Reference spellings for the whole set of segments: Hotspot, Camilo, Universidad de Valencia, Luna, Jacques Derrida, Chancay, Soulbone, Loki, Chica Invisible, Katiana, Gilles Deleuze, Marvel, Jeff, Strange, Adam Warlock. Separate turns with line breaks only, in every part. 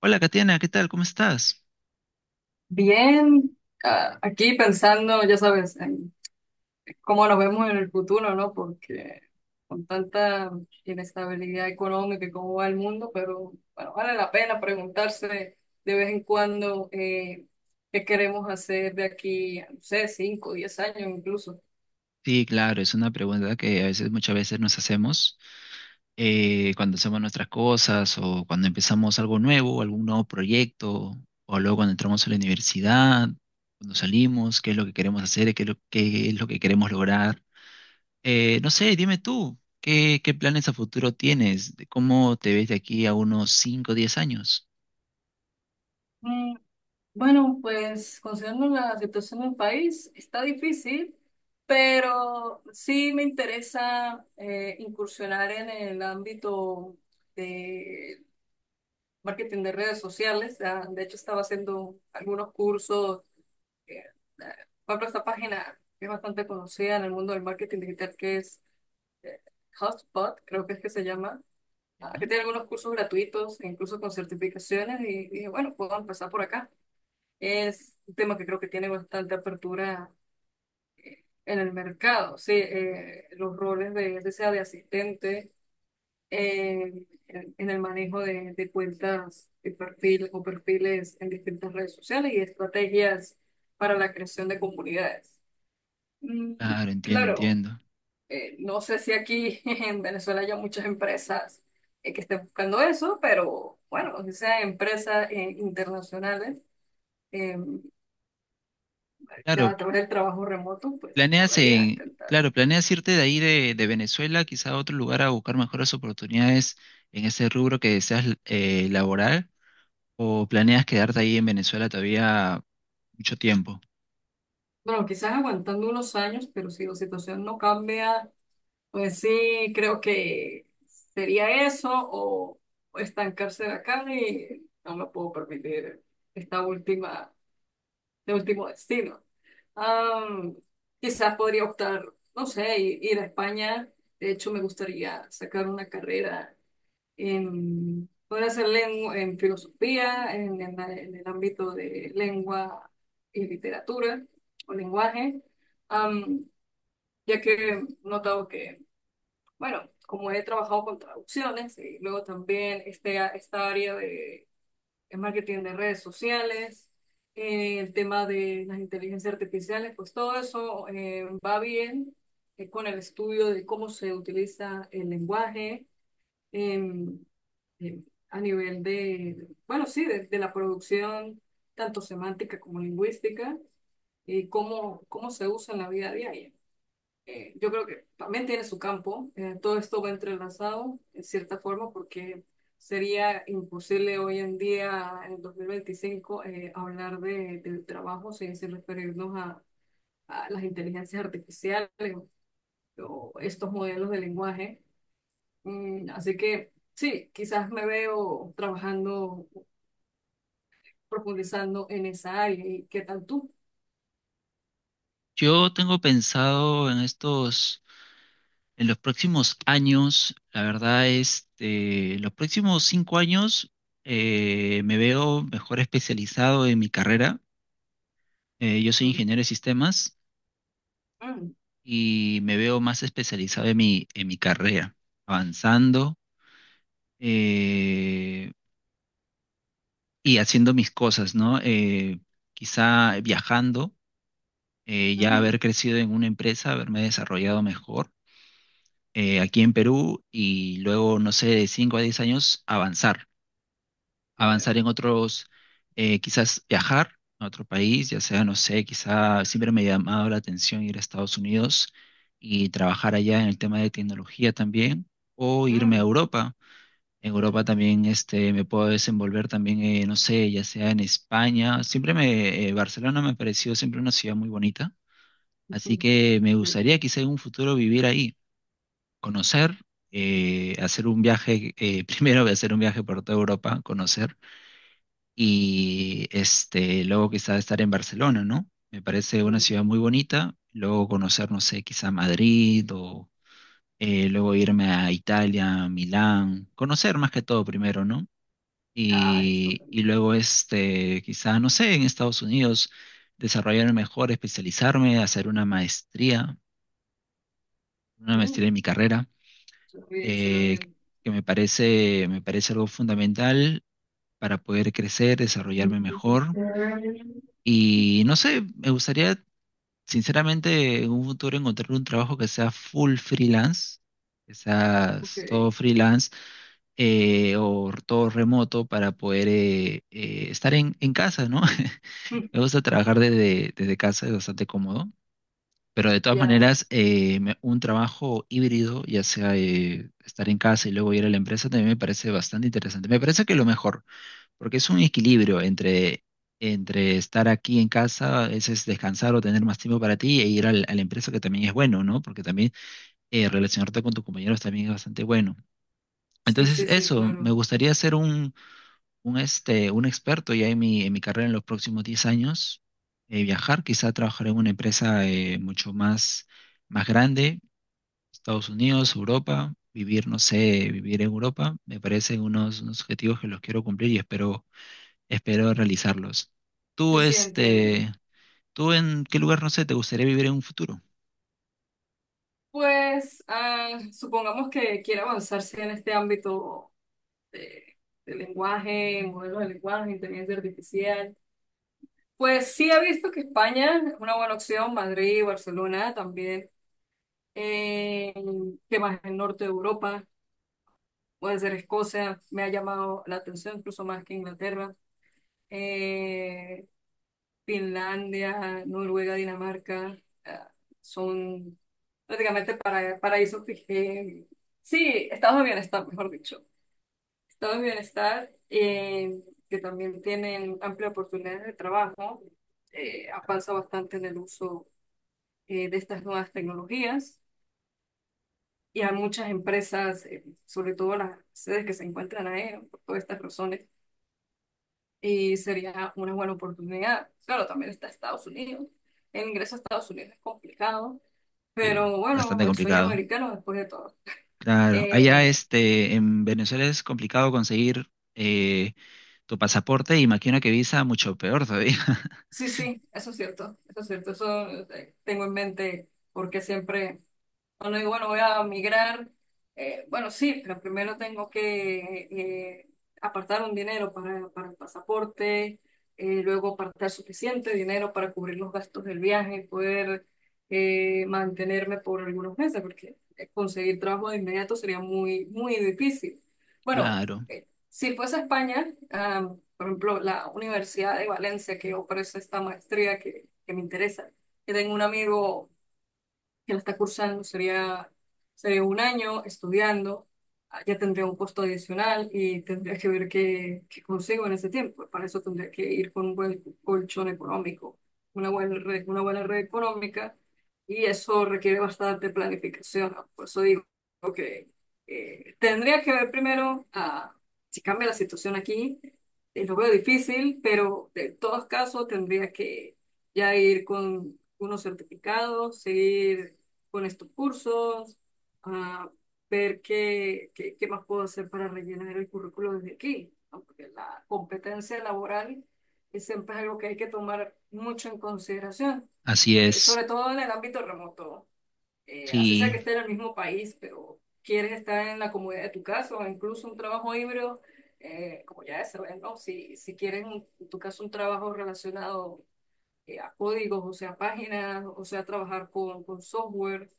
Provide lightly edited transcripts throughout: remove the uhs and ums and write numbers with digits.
Hola, Katiana, ¿qué tal? ¿Cómo estás?
Bien, aquí pensando, ya sabes, en cómo nos vemos en el futuro, ¿no? Porque con tanta inestabilidad económica y cómo va el mundo, pero bueno, vale la pena preguntarse de vez en cuando qué queremos hacer de aquí, no sé, 5 10 años incluso.
Sí, claro, es una pregunta que a veces, muchas veces nos hacemos cuando hacemos nuestras cosas o cuando empezamos algo nuevo, algún nuevo proyecto, o luego cuando entramos a la universidad, cuando salimos, qué es lo que queremos hacer, qué es lo que queremos lograr. No sé, dime tú, ¿ qué planes a futuro tienes? ¿De ¿Cómo te ves de aquí a unos 5, o 10 años?
Bueno, pues considerando la situación del país, está difícil, pero sí me interesa incursionar en el ámbito de marketing de redes sociales. Ya, de hecho, estaba haciendo algunos cursos. eh, eh, Por ejemplo, esta página que es bastante conocida en el mundo del marketing digital, que es eh, Hotspot, creo que es que se llama, que
¿Ya?
tiene algunos cursos gratuitos, e incluso con certificaciones, y dije, bueno, puedo empezar por acá. Es un tema que creo que tiene bastante apertura en el mercado, sí, los roles de, ya sea de asistente en el manejo de cuentas de perfil o perfiles en distintas redes sociales y estrategias para la creación de comunidades. Mm,
Claro, entiendo,
claro,
entiendo.
no sé si aquí en Venezuela haya muchas empresas que estén buscando eso, pero bueno, si sean empresas internacionales em,
Claro.
Ya través del trabajo remoto, pues
Planeas
podría
en,
intentar.
claro, planeas irte de ahí de Venezuela, quizá a otro lugar a buscar mejores oportunidades en ese rubro que deseas laboral, o planeas quedarte ahí en Venezuela todavía mucho tiempo.
Bueno, quizás aguantando unos años, pero si la situación no cambia, pues sí, creo que sería eso o estancarse acá y no me puedo permitir esta última, este último destino. Am, Quizás podría optar, no sé, ir a España. De hecho, me gustaría sacar una carrera en, podría ser lengua, en filosofía, en el ámbito de lengua y literatura o lenguaje, am, ya que he notado que, bueno, como he trabajado con traducciones y luego también esta área de marketing de redes sociales, el tema de las inteligencias artificiales, pues todo eso va bien con el estudio de cómo se utiliza el lenguaje. em, eh, a nivel de, bueno, sí, de la producción, tanto semántica como lingüística, y cómo, cómo se usa en la vida diaria. Yo creo que también tiene su campo, todo esto va entrelazado en cierta forma porque sería imposible hoy en día, en 2025, hablar de, del trabajo sin referirnos a las inteligencias artificiales o estos modelos de lenguaje. Mm, así que sí, quizás me veo trabajando profundizando en esa área. ¿Y qué tal tú?
Yo tengo pensado en estos, en los próximos años, la verdad, este, en los próximos cinco años me veo mejor especializado en mi carrera. Yo soy
Mm,
ingeniero de sistemas.
mm,
Y me veo más especializado en mi carrera, avanzando eh, y haciendo mis cosas, ¿no? Quizá viajando, ya
mm,
haber crecido en una empresa, haberme desarrollado mejor aquí en Perú y luego, no sé, de 5 a 10 años avanzar.
ya
Avanzar
veo.
en otros, quizás viajar a otro país, ya sea, no sé, quizás siempre me ha llamado la atención ir a Estados Unidos y trabajar allá en el tema de tecnología también, o irme a
Mm,
Europa. En Europa también este, me puedo desenvolver también, no sé, ya sea en España. Barcelona me ha parecido siempre una ciudad muy bonita, así que me
sí,
gustaría quizá en un futuro vivir ahí, conocer. Hacer un viaje, primero voy a hacer un viaje por toda Europa, conocer, y este, luego quizá estar en Barcelona, ¿no? Me parece una
mm.
ciudad muy bonita, luego conocer, no sé, quizá Madrid o luego irme a Italia, Milán, conocer más que todo primero, ¿no?
Ah, esto
Y
también.
luego, este, quizá, no sé, en Estados Unidos, desarrollarme mejor, especializarme, hacer una
Mm,
maestría en mi carrera,
suena bien, suena
eh,
bien.
me parece algo fundamental para poder crecer, desarrollarme mejor. Y no sé, me gustaría, sinceramente, en un futuro encontrar un trabajo que sea full freelance, que sea
Ok.
todo freelance o todo remoto para poder estar en casa, ¿no?
Mm,
Me gusta trabajar desde casa, es bastante cómodo. Pero de todas
ya.
maneras, un trabajo híbrido, ya sea estar en casa y luego ir a la empresa, también me parece bastante interesante. Me parece que lo mejor. Porque es un equilibrio entre estar aquí en casa, ese es descansar o tener más tiempo para ti, e ir a la empresa, que también es bueno, ¿no? Porque también relacionarte con tus compañeros también es bastante bueno.
Sí,
Entonces,
sí, sí,
eso, me
claro.
gustaría ser un experto ya en mi carrera en los próximos 10 años, viajar, quizá trabajar en una empresa más grande, Estados Unidos, Europa, vivir, no sé, vivir en Europa, me parecen unos, unos objetivos que los quiero cumplir y espero realizarlos. Tú,
Sí, sí, entiendo.
este, ¿Tú en qué lugar, no sé, te gustaría vivir en un futuro?
Pues supongamos que quiere avanzarse en este ámbito de, de lenguaje, modelos de lenguaje, inteligencia artificial. Pues sí, he visto que España es una buena opción, Madrid, Barcelona también. Eh, ¿Qué más? El norte de Europa, puede ser Escocia, me ha llamado la atención incluso más que Inglaterra. Eh, Finlandia, Noruega, Dinamarca, ah, son prácticamente paraísos sí, estados de bienestar, mejor dicho. Estados de bienestar que también tienen amplia oportunidad de trabajo, avanza bastante en el uso de estas nuevas tecnologías. Y a muchas empresas, sobre todo las sedes que se encuentran ahí, ¿no? Por todas estas razones, y sería una buena oportunidad. Claro, también está Estados Unidos. El ingreso a Estados Unidos es complicado,
Sí,
pero bueno,
bastante
el sueño
complicado.
americano después de todo.
Claro, allá,
Eh,
este, en Venezuela es complicado conseguir eh, tu pasaporte y imagino que visa mucho peor todavía.
sí, sí, eso es cierto, eso es cierto, eso tengo en mente porque siempre bueno, digo bueno, voy a migrar. Bueno, sí, pero primero tengo que apartar un dinero para el pasaporte, luego apartar suficiente dinero para cubrir los gastos del viaje y poder mantenerme por algunos meses, porque conseguir trabajo de inmediato sería muy, muy difícil. Bueno,
Claro,
si fuese a España, por ejemplo, la Universidad de Valencia que ofrece esta maestría que me interesa, que tengo un amigo que la está cursando, sería, sería un año estudiando, ya tendría un costo adicional y tendría que ver qué, qué consigo en ese tiempo. Para eso tendría que ir con un buen colchón económico, una buena red económica y eso requiere bastante planificación, ¿no? Por eso digo que tendría que ver primero si cambia la situación aquí. Lo veo difícil, pero de todos casos tendría que ya ir con unos certificados, seguir pones tus cursos, a ver qué, qué, qué más puedo hacer para rellenar el currículo desde aquí, ¿no? Porque la competencia laboral es siempre algo que hay que tomar mucho en consideración,
así es.
sobre todo en el ámbito remoto. Así sea
Sí,
que esté en el mismo país, pero quieres estar en la comodidad de tu casa o incluso un trabajo híbrido, como ya se ve, ¿no? Si quieres, en tu caso, un trabajo relacionado a códigos, o sea, a páginas, o sea, a trabajar con software.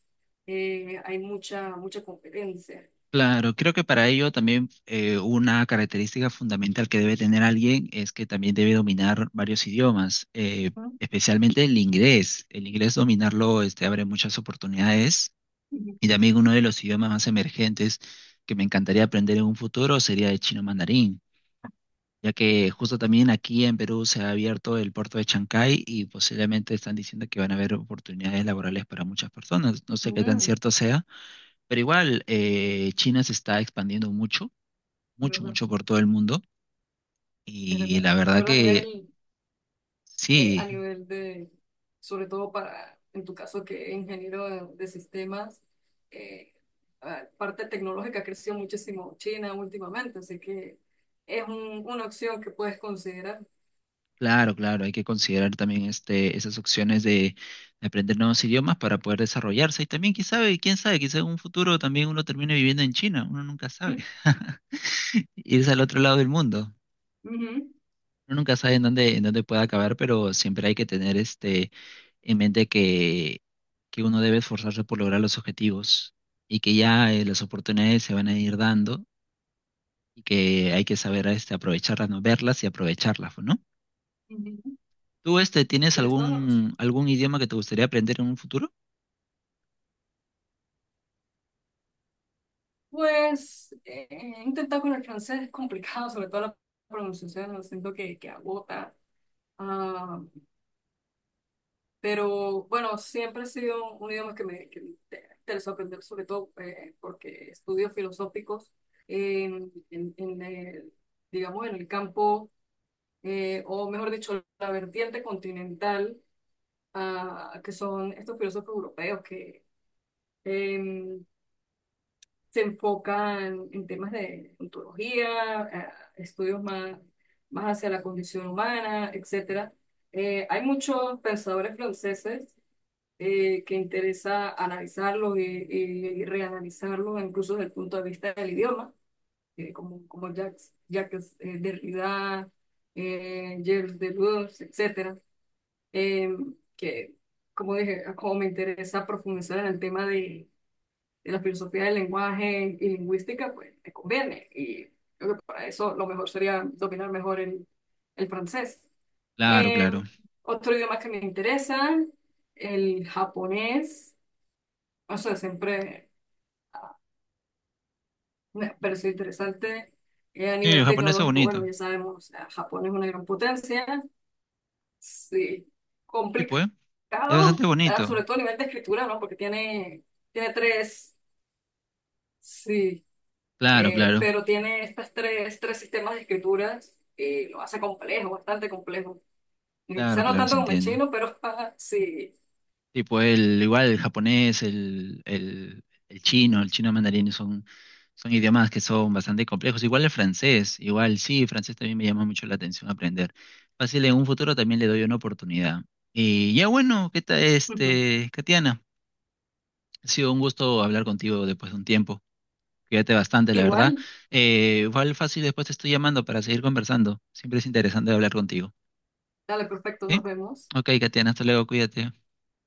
Hay mucha, mucha competencia.
claro. Creo que para ello también una característica fundamental que debe tener alguien es que también debe dominar varios idiomas,
Ujú,
especialmente el inglés. El inglés dominarlo este, abre muchas oportunidades. Y
ujú,
también uno de los idiomas más emergentes que me encantaría aprender en un futuro sería el chino mandarín, ya que justo también aquí en Perú se ha abierto el puerto de Chancay y posiblemente están diciendo que van a haber oportunidades laborales para muchas personas. No sé qué tan
ujú,
cierto sea, pero igual China se está expandiendo mucho, mucho,
¿verdad?
mucho por todo el mundo
Es
y
verdad.
la
Es
verdad
verdad
que
a
sí.
nivel de, sobre todo para, en tu caso, que es ingeniero de sistemas, eh, la parte tecnológica ha crecido muchísimo China últimamente, así que es una opción que puedes considerar.
Claro, claro, hay que considerar también este, esas opciones de aprender nuevos idiomas para poder desarrollarse. Y también, quién sabe, quizá en un futuro también uno termine viviendo en China, uno nunca sabe. Irse al otro lado del mundo.
Ujú,
Uno nunca sabe en dónde puede acabar, pero siempre hay que tener este en mente que uno debe esforzarse por lograr los objetivos y que ya las oportunidades se van a ir dando y que hay que saber este, aprovecharlas, no verlas y aprovecharlas, ¿no?
ujú.
¿Tú este tienes
Tienes toda la razón.
algún idioma que te gustaría aprender en un futuro?
Pues he intentado con el francés, es complicado, sobre todo la pronunciación, lo siento que agota. Ah, pero bueno, siempre ha sido un idioma que me interesó aprender, sobre todo porque estudios filosóficos en el, digamos, en el campo, o mejor dicho, la vertiente continental, que son estos filósofos europeos que, em, se enfocan en temas de ontología, estudios más, más hacia la condición humana, etcétera. Hay muchos pensadores franceses que interesa analizarlos y, y reanalizarlos, incluso desde el punto de vista del idioma, como, como Jacques Derrida, Gilles Deleuze, etcétera. Eh, que, como dije, como me interesa profundizar en el tema de la filosofía del lenguaje y lingüística, pues me conviene. Y creo que para eso lo mejor sería dominar mejor el francés.
Claro,
Eh,
claro.
otro idioma que me interesa, el japonés. O sea, siempre me pareció interesante. A
Sí, el
nivel
japonés es
tecnológico,
bonito.
bueno, ya sabemos, o sea, Japón es una gran potencia. Sí,
Sí, pues. Es bastante
complicado,
bonito.
sobre todo a nivel de escritura, ¿no? Porque tiene, tiene tres, sí,
Claro,
eh,
claro.
pero tiene estas tres, tres sistemas de escrituras y lo hace complejo, bastante complejo. Quizá
Claro,
no
claro,
tanto
se
como el
entiende.
chino, pero sí.
Tipo el igual el japonés, el chino mandarín son idiomas que son bastante complejos. Igual el francés, igual sí, el francés también me llama mucho la atención aprender. Fácil, en un futuro también le doy una oportunidad. Y ya bueno, ¿qué tal
Ujú.
este, Katiana? Ha sido un gusto hablar contigo después de un tiempo. Cuídate bastante, la verdad.
Igual,
Igual fácil, después te estoy llamando para seguir conversando. Siempre es interesante hablar contigo.
dale, perfecto,
¿Sí?
nos vemos.
Ok, Katiana, hasta luego, cuídate.